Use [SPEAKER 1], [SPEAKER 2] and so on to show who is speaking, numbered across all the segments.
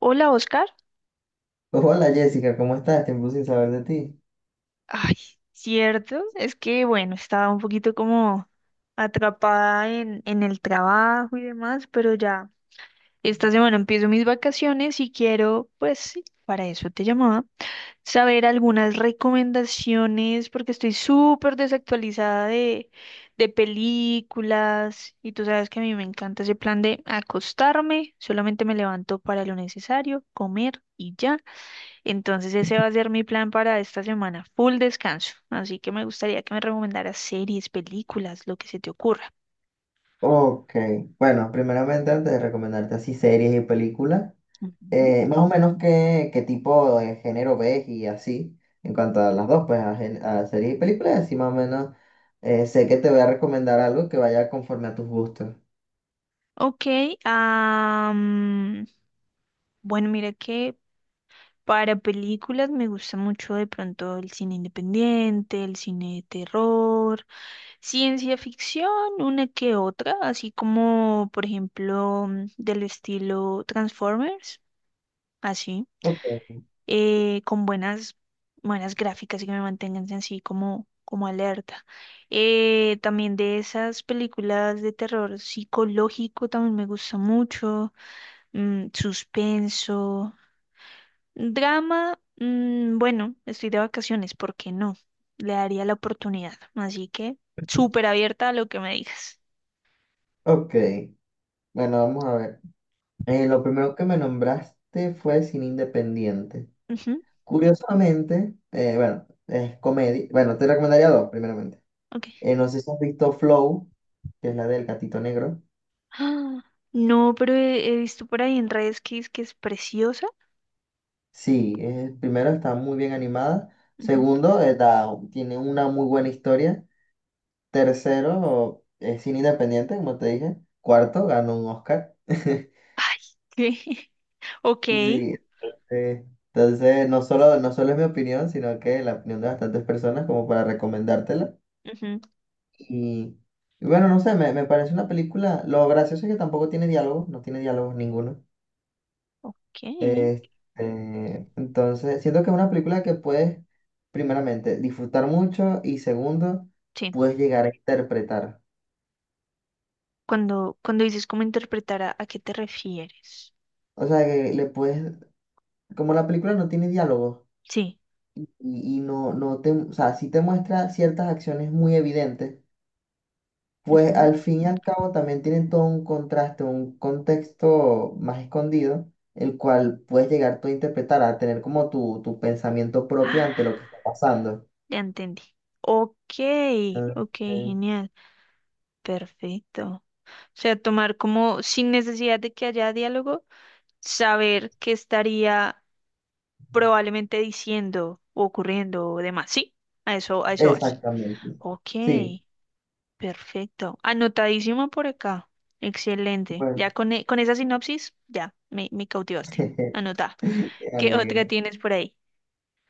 [SPEAKER 1] Hola, Oscar.
[SPEAKER 2] Hola Jessica, ¿cómo estás? Tiempo sin saber de ti.
[SPEAKER 1] Ay, cierto, es que bueno, estaba un poquito como atrapada en el trabajo y demás, pero ya esta semana empiezo mis vacaciones y quiero, pues sí, para eso te llamaba, saber algunas recomendaciones porque estoy súper desactualizada de películas y tú sabes que a mí me encanta ese plan de acostarme, solamente me levanto para lo necesario, comer y ya. Entonces ese va a ser mi plan para esta semana, full descanso. Así que me gustaría que me recomendaras series, películas, lo que se te ocurra.
[SPEAKER 2] Ok, bueno, primeramente antes de recomendarte así series y películas,
[SPEAKER 1] Ujú.
[SPEAKER 2] más o menos qué tipo de género ves y así, en cuanto a las dos, pues a, a series y películas, así más o menos sé que te voy a recomendar algo que vaya conforme a tus gustos.
[SPEAKER 1] Ok, am, bueno, mira que para películas me gusta mucho de pronto el cine independiente, el cine de terror, ciencia ficción, una que otra, así como por ejemplo del estilo Transformers, así.
[SPEAKER 2] Ok,
[SPEAKER 1] Con buenas, buenas gráficas y que me mantengan así como, como alerta. También de esas películas de terror psicológico también me gusta mucho, suspenso, drama, mm, bueno, estoy de vacaciones, ¿por qué no? Le daría la oportunidad, así que súper abierta a lo que me digas.
[SPEAKER 2] ok, bueno, vamos a ver. Lo primero que me nombraste fue cine independiente.
[SPEAKER 1] Ujú,
[SPEAKER 2] Curiosamente, bueno, es comedia, bueno, te recomendaría dos, primeramente.
[SPEAKER 1] ok.
[SPEAKER 2] No sé si has visto Flow, que es la del gatito negro.
[SPEAKER 1] Ah, no, pero he visto por ahí en redes que es preciosa.
[SPEAKER 2] Sí, primero está muy bien animada.
[SPEAKER 1] Ujú.
[SPEAKER 2] Segundo, tiene una muy buena historia. Tercero, es cine independiente, como te dije. Cuarto, ganó un Oscar.
[SPEAKER 1] Ay, ¿qué? Ok.
[SPEAKER 2] Sí, eh, entonces no solo es mi opinión, sino que la opinión de bastantes personas como para recomendártela.
[SPEAKER 1] Ujú.
[SPEAKER 2] Y, y bueno, no sé, me parece una película. Lo gracioso es que tampoco tiene diálogo, no tiene diálogo ninguno.
[SPEAKER 1] Ok,
[SPEAKER 2] Este, entonces, siento que es una película que puedes, primeramente, disfrutar mucho y segundo,
[SPEAKER 1] sí.
[SPEAKER 2] puedes llegar a interpretar.
[SPEAKER 1] Cuando dices cómo interpretar, ¿a qué te refieres?
[SPEAKER 2] O sea, que le puedes, como la película no tiene diálogo
[SPEAKER 1] Sí.
[SPEAKER 2] y no, o sea, sí te muestra ciertas acciones muy evidentes, pues
[SPEAKER 1] Ujú.
[SPEAKER 2] al fin y al cabo también tienen todo un contraste, un contexto más escondido, el cual puedes llegar tú a interpretar, a tener como tu pensamiento propio ante lo
[SPEAKER 1] Ah,
[SPEAKER 2] que está pasando.
[SPEAKER 1] ya entendí. Ok,
[SPEAKER 2] Entonces,
[SPEAKER 1] ok, genial. Perfecto. O sea, tomar como sin necesidad de que haya diálogo, saber qué estaría probablemente diciendo, o ocurriendo o demás. Sí, a eso vas.
[SPEAKER 2] exactamente.
[SPEAKER 1] Ok.
[SPEAKER 2] Sí,
[SPEAKER 1] Perfecto. Anotadísimo por acá. Excelente. Ya
[SPEAKER 2] bueno,
[SPEAKER 1] con esa sinopsis, ya, me cautivaste. Anota.
[SPEAKER 2] jeje, me
[SPEAKER 1] ¿Qué
[SPEAKER 2] alegra.
[SPEAKER 1] otra tienes por ahí?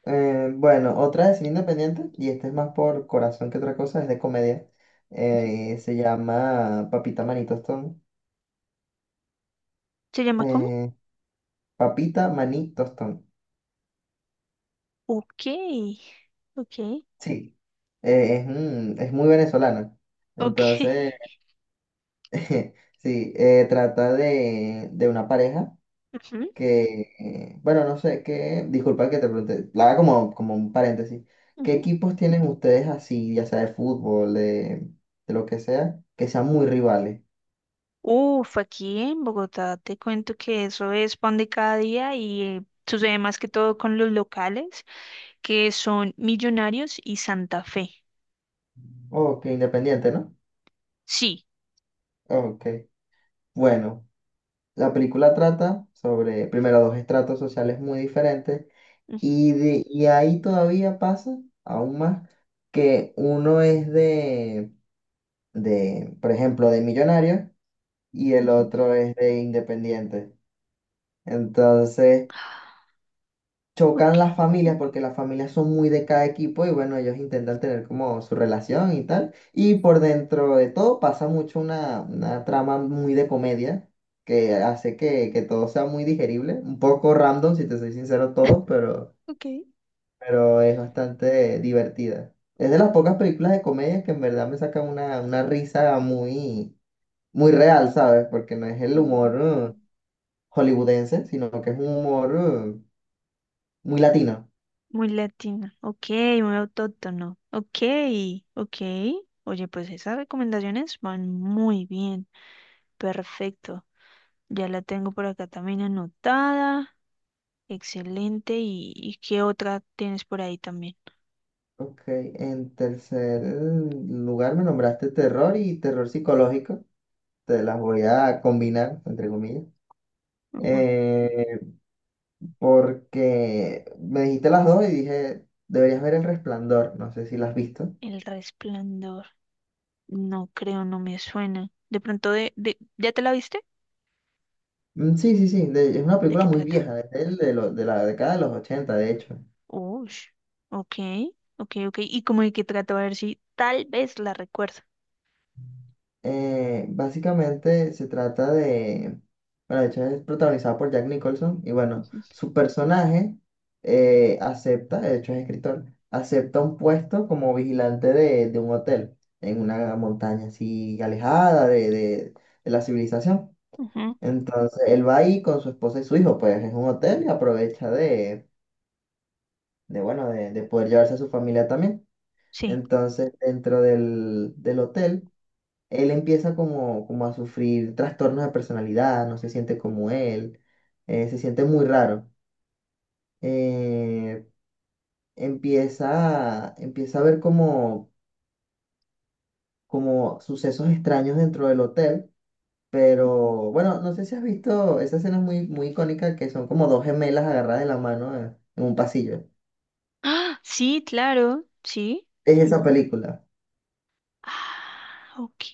[SPEAKER 2] Bueno, otra de cine independiente, y esta es más por corazón que otra cosa, es de comedia.
[SPEAKER 1] Ujú.
[SPEAKER 2] Se llama Papita Maní Tostón.
[SPEAKER 1] ¿Se llama cómo?
[SPEAKER 2] Eh, Papita Maní Tostón.
[SPEAKER 1] Ok, ok,
[SPEAKER 2] Sí, es, es muy venezolana.
[SPEAKER 1] ok.
[SPEAKER 2] Entonces, sí, trata de una pareja.
[SPEAKER 1] Ujú,
[SPEAKER 2] Que, bueno, no sé, que, disculpa que te pregunte, la haga como, como un paréntesis. ¿Qué
[SPEAKER 1] ujú.
[SPEAKER 2] equipos tienen ustedes así, ya sea de fútbol, de lo que sea, que sean muy rivales?
[SPEAKER 1] Uf, aquí en Bogotá te cuento que eso es pan de cada día y sucede más que todo con los locales, que son Millonarios y Santa Fe.
[SPEAKER 2] Oh, que independiente, ¿no?
[SPEAKER 1] Sí.
[SPEAKER 2] Ok. Bueno, la película trata sobre, primero, dos estratos sociales muy diferentes
[SPEAKER 1] Ujú,
[SPEAKER 2] y, de, y ahí todavía pasa, aún más, que uno es por ejemplo, de millonario y el
[SPEAKER 1] ujú.
[SPEAKER 2] otro es de independiente. Entonces...
[SPEAKER 1] Ok,
[SPEAKER 2] chocan las familias porque las familias son muy de cada equipo y bueno, ellos intentan tener como su relación y tal. Y por dentro de todo pasa mucho una trama muy de comedia que hace que todo sea muy digerible, un poco random, si te soy sincero, todo,
[SPEAKER 1] ok.
[SPEAKER 2] pero es bastante divertida. Es de las pocas películas de comedia que en verdad me sacan una risa muy, muy real, ¿sabes? Porque no es el
[SPEAKER 1] Mm.
[SPEAKER 2] humor hollywoodense, sino que es un humor muy latino.
[SPEAKER 1] Muy latina. Ok, muy autóctono. Ok, ok. Oye, pues esas recomendaciones van muy bien. Perfecto. Ya la tengo por acá también anotada. Excelente. ¿Y qué otra tienes por ahí también?
[SPEAKER 2] Ok, en tercer lugar me nombraste terror y terror psicológico. Te las voy a combinar, entre comillas.
[SPEAKER 1] Ujú.
[SPEAKER 2] Eh, Porque me dijiste las dos y dije, deberías ver El Resplandor. No sé si la has visto.
[SPEAKER 1] El resplandor. No creo, no me suena. De pronto ¿ya te la viste?
[SPEAKER 2] Sí, sí, sí. Es una
[SPEAKER 1] ¿De
[SPEAKER 2] película
[SPEAKER 1] qué
[SPEAKER 2] muy
[SPEAKER 1] trata?
[SPEAKER 2] vieja, de, de la década de los 80, de hecho.
[SPEAKER 1] Uy. Ok, ok, ok. ¿Y cómo de qué trata? A ver si tal vez la recuerdo.
[SPEAKER 2] Básicamente se trata de, bueno, de hecho es protagonizada por Jack Nicholson y bueno,
[SPEAKER 1] Ujú,
[SPEAKER 2] su personaje acepta, de hecho es escritor, acepta un puesto como vigilante de un hotel en una montaña así alejada de la civilización.
[SPEAKER 1] ujú.
[SPEAKER 2] Entonces él va ahí con su esposa y su hijo, pues es un hotel y aprovecha de poder llevarse a su familia también.
[SPEAKER 1] Sí.
[SPEAKER 2] Entonces dentro del hotel él empieza como, como a sufrir trastornos de personalidad, no se siente como él, se siente muy raro. Eh, empieza a ver como, como sucesos extraños dentro del hotel, pero bueno, no sé si has visto esa escena es muy, muy icónica que son como dos gemelas agarradas de la mano en un pasillo.
[SPEAKER 1] Ah, sí, claro, sí.
[SPEAKER 2] Es esa película,
[SPEAKER 1] Ah, ok,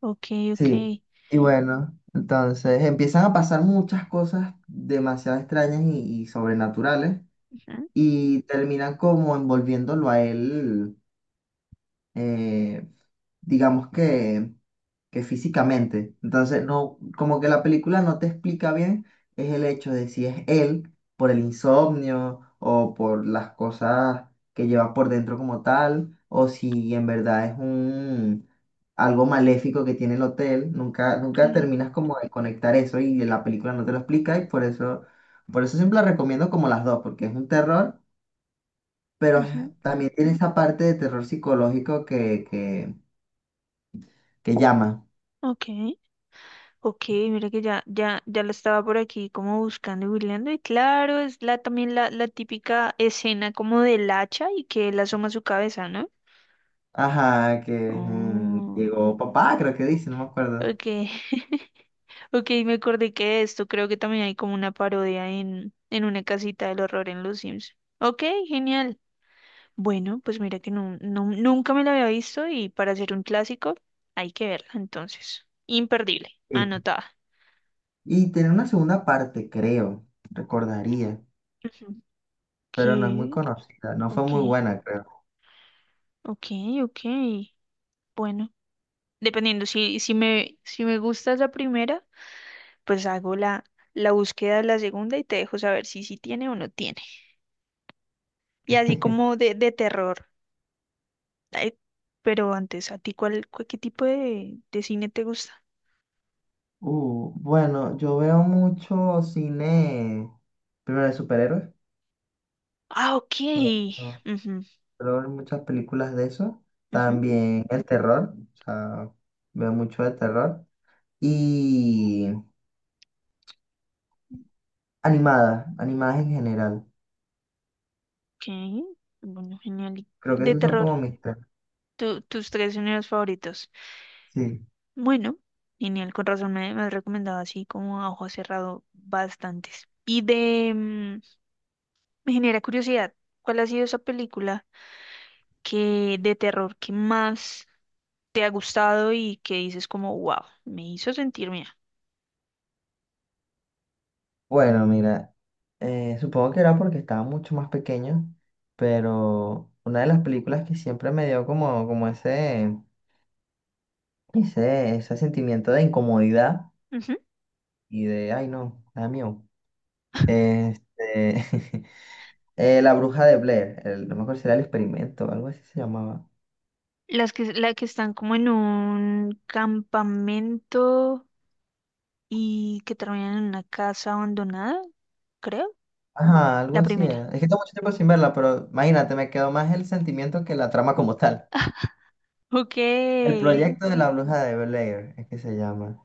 [SPEAKER 1] ok, ok.
[SPEAKER 2] sí. Y bueno, entonces empiezan a pasar muchas cosas demasiado extrañas y sobrenaturales.
[SPEAKER 1] Ujú.
[SPEAKER 2] Y terminan como envolviéndolo a él, eh, digamos que físicamente. Entonces, no, como que la película no te explica bien es el hecho de si es él por el insomnio o por las cosas que lleva por dentro como tal, o si en verdad es un algo maléfico que tiene el hotel. Nunca, nunca
[SPEAKER 1] Okay.
[SPEAKER 2] terminas como de conectar eso y la película no te lo explica y por eso siempre la recomiendo como las dos, porque es un terror pero
[SPEAKER 1] Ujú.
[SPEAKER 2] también tiene esa parte de terror psicológico que, que llama.
[SPEAKER 1] Ok, ok, mira que ya la estaba por aquí como buscando y googleando. Y claro, es la también la típica escena como del hacha y que él asoma su cabeza, ¿no?
[SPEAKER 2] Ajá, que mm,
[SPEAKER 1] Oh,
[SPEAKER 2] llegó papá, creo que dice, no me acuerdo.
[SPEAKER 1] ok. Ok, me acordé que de esto creo que también hay como una parodia en una casita del horror en Los Sims. Ok, genial. Bueno, pues mira que nunca me la había visto y para hacer un clásico hay que verla, entonces. Imperdible,
[SPEAKER 2] Sí.
[SPEAKER 1] anotada.
[SPEAKER 2] Y tiene una segunda parte, creo, recordaría,
[SPEAKER 1] Ujú.
[SPEAKER 2] pero no es muy
[SPEAKER 1] ¿Qué?
[SPEAKER 2] conocida, no fue
[SPEAKER 1] Ok,
[SPEAKER 2] muy buena, creo.
[SPEAKER 1] ok, ok. Bueno, dependiendo, si me gusta la primera, pues hago la búsqueda de la segunda y te dejo saber si sí tiene o no tiene. Y así como de terror. Ay, pero antes, ¿a ti qué tipo de cine te gusta?
[SPEAKER 2] Bueno, yo veo mucho cine, primero de superhéroes,
[SPEAKER 1] Ah, ok.
[SPEAKER 2] bueno, no,
[SPEAKER 1] Ujú,
[SPEAKER 2] pero veo muchas películas de eso,
[SPEAKER 1] ujú.
[SPEAKER 2] también el terror, o sea, veo mucho de terror. Y animadas, animadas en general.
[SPEAKER 1] Ok, bueno, genial. Y
[SPEAKER 2] Creo que
[SPEAKER 1] de
[SPEAKER 2] esos son
[SPEAKER 1] terror,
[SPEAKER 2] como mis tres.
[SPEAKER 1] tus tres géneros favoritos.
[SPEAKER 2] Sí.
[SPEAKER 1] Bueno, genial, con razón me has recomendado así como a ojo cerrado bastantes. Y de, mm, me genera curiosidad, ¿cuál ha sido esa película que de terror que más te ha gustado y que dices como, wow, me hizo sentir mía?
[SPEAKER 2] Bueno, mira, supongo que era porque estaba mucho más pequeño, pero una de las películas que siempre me dio como, como ese, ese sentimiento de incomodidad
[SPEAKER 1] Ujú.
[SPEAKER 2] y de, ay no, da miedo. Este, La bruja de Blair, no me acuerdo si era el experimento algo así se llamaba.
[SPEAKER 1] Las que, la que están como en un campamento y que terminan en una casa abandonada, creo.
[SPEAKER 2] Ajá, algo
[SPEAKER 1] La
[SPEAKER 2] así era.
[SPEAKER 1] primera.
[SPEAKER 2] Es que tengo mucho tiempo sin verla, pero imagínate, me quedó más el sentimiento que la trama como tal.
[SPEAKER 1] Ok,
[SPEAKER 2] El sí, proyecto de la bruja de Blair es que se llama.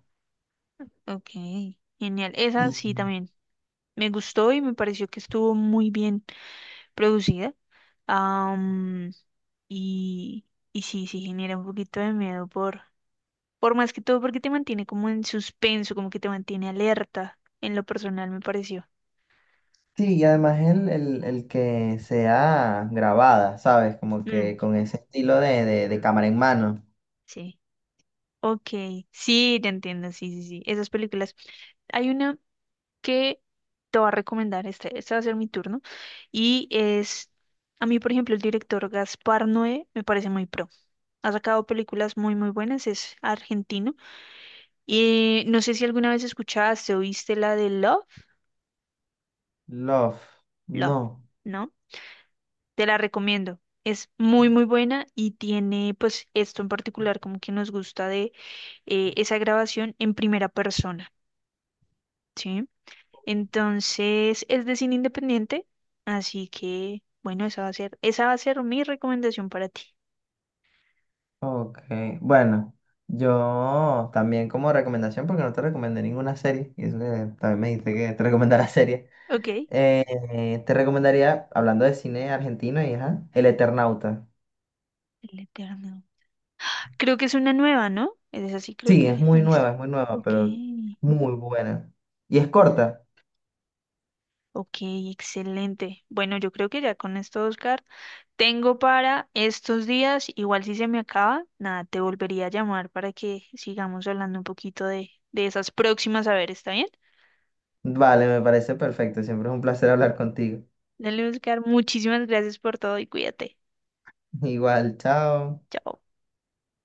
[SPEAKER 1] ok, genial.
[SPEAKER 2] Y
[SPEAKER 1] Esa sí también me gustó y me pareció que estuvo muy bien producida. Am, y, y sí, sí genera un poquito de miedo por más que todo porque te mantiene como en suspenso, como que te mantiene alerta. En lo personal me pareció.
[SPEAKER 2] sí, y además el que sea grabada, ¿sabes? Como
[SPEAKER 1] Mm,
[SPEAKER 2] que con ese estilo de cámara en mano.
[SPEAKER 1] sí. Ok, sí, te entiendo, sí, sí, sí. Esas películas. Hay una que te va a recomendar. Este va a ser mi turno. Y es, a mí, por ejemplo, el director Gaspar Noé me parece muy pro. Ha sacado películas muy, muy buenas. Es argentino. Y no sé si alguna vez escuchaste o viste la de Love.
[SPEAKER 2] Love.
[SPEAKER 1] Love,
[SPEAKER 2] No.
[SPEAKER 1] ¿no? Te la recomiendo. Es muy, muy buena y tiene, pues, esto en particular, como que nos gusta de esa grabación en primera persona. ¿Sí? Entonces, es de cine independiente, así que, bueno, esa va a ser mi recomendación para ti.
[SPEAKER 2] Ok. Bueno, yo también como recomendación, porque no te recomendé ninguna serie, y eso que también me dijiste que te recomendara serie.
[SPEAKER 1] Ok. El
[SPEAKER 2] Te recomendaría, hablando de cine argentino, y ajá, El Eternauta.
[SPEAKER 1] Eterno. Creo que es una nueva, ¿no? Es así, creo
[SPEAKER 2] Sí,
[SPEAKER 1] que he visto.
[SPEAKER 2] es muy nueva,
[SPEAKER 1] Ok.
[SPEAKER 2] pero muy buena. Y es corta.
[SPEAKER 1] Ok, excelente. Bueno, yo creo que ya con esto, Oscar, tengo para estos días, igual si se me acaba, nada, te volvería a llamar para que sigamos hablando un poquito de esas próximas, a ver, ¿está bien?
[SPEAKER 2] Vale, me parece perfecto. Siempre es un placer hablar contigo.
[SPEAKER 1] Dale, Oscar, muchísimas gracias por todo y cuídate.
[SPEAKER 2] Igual, chao.
[SPEAKER 1] Chao.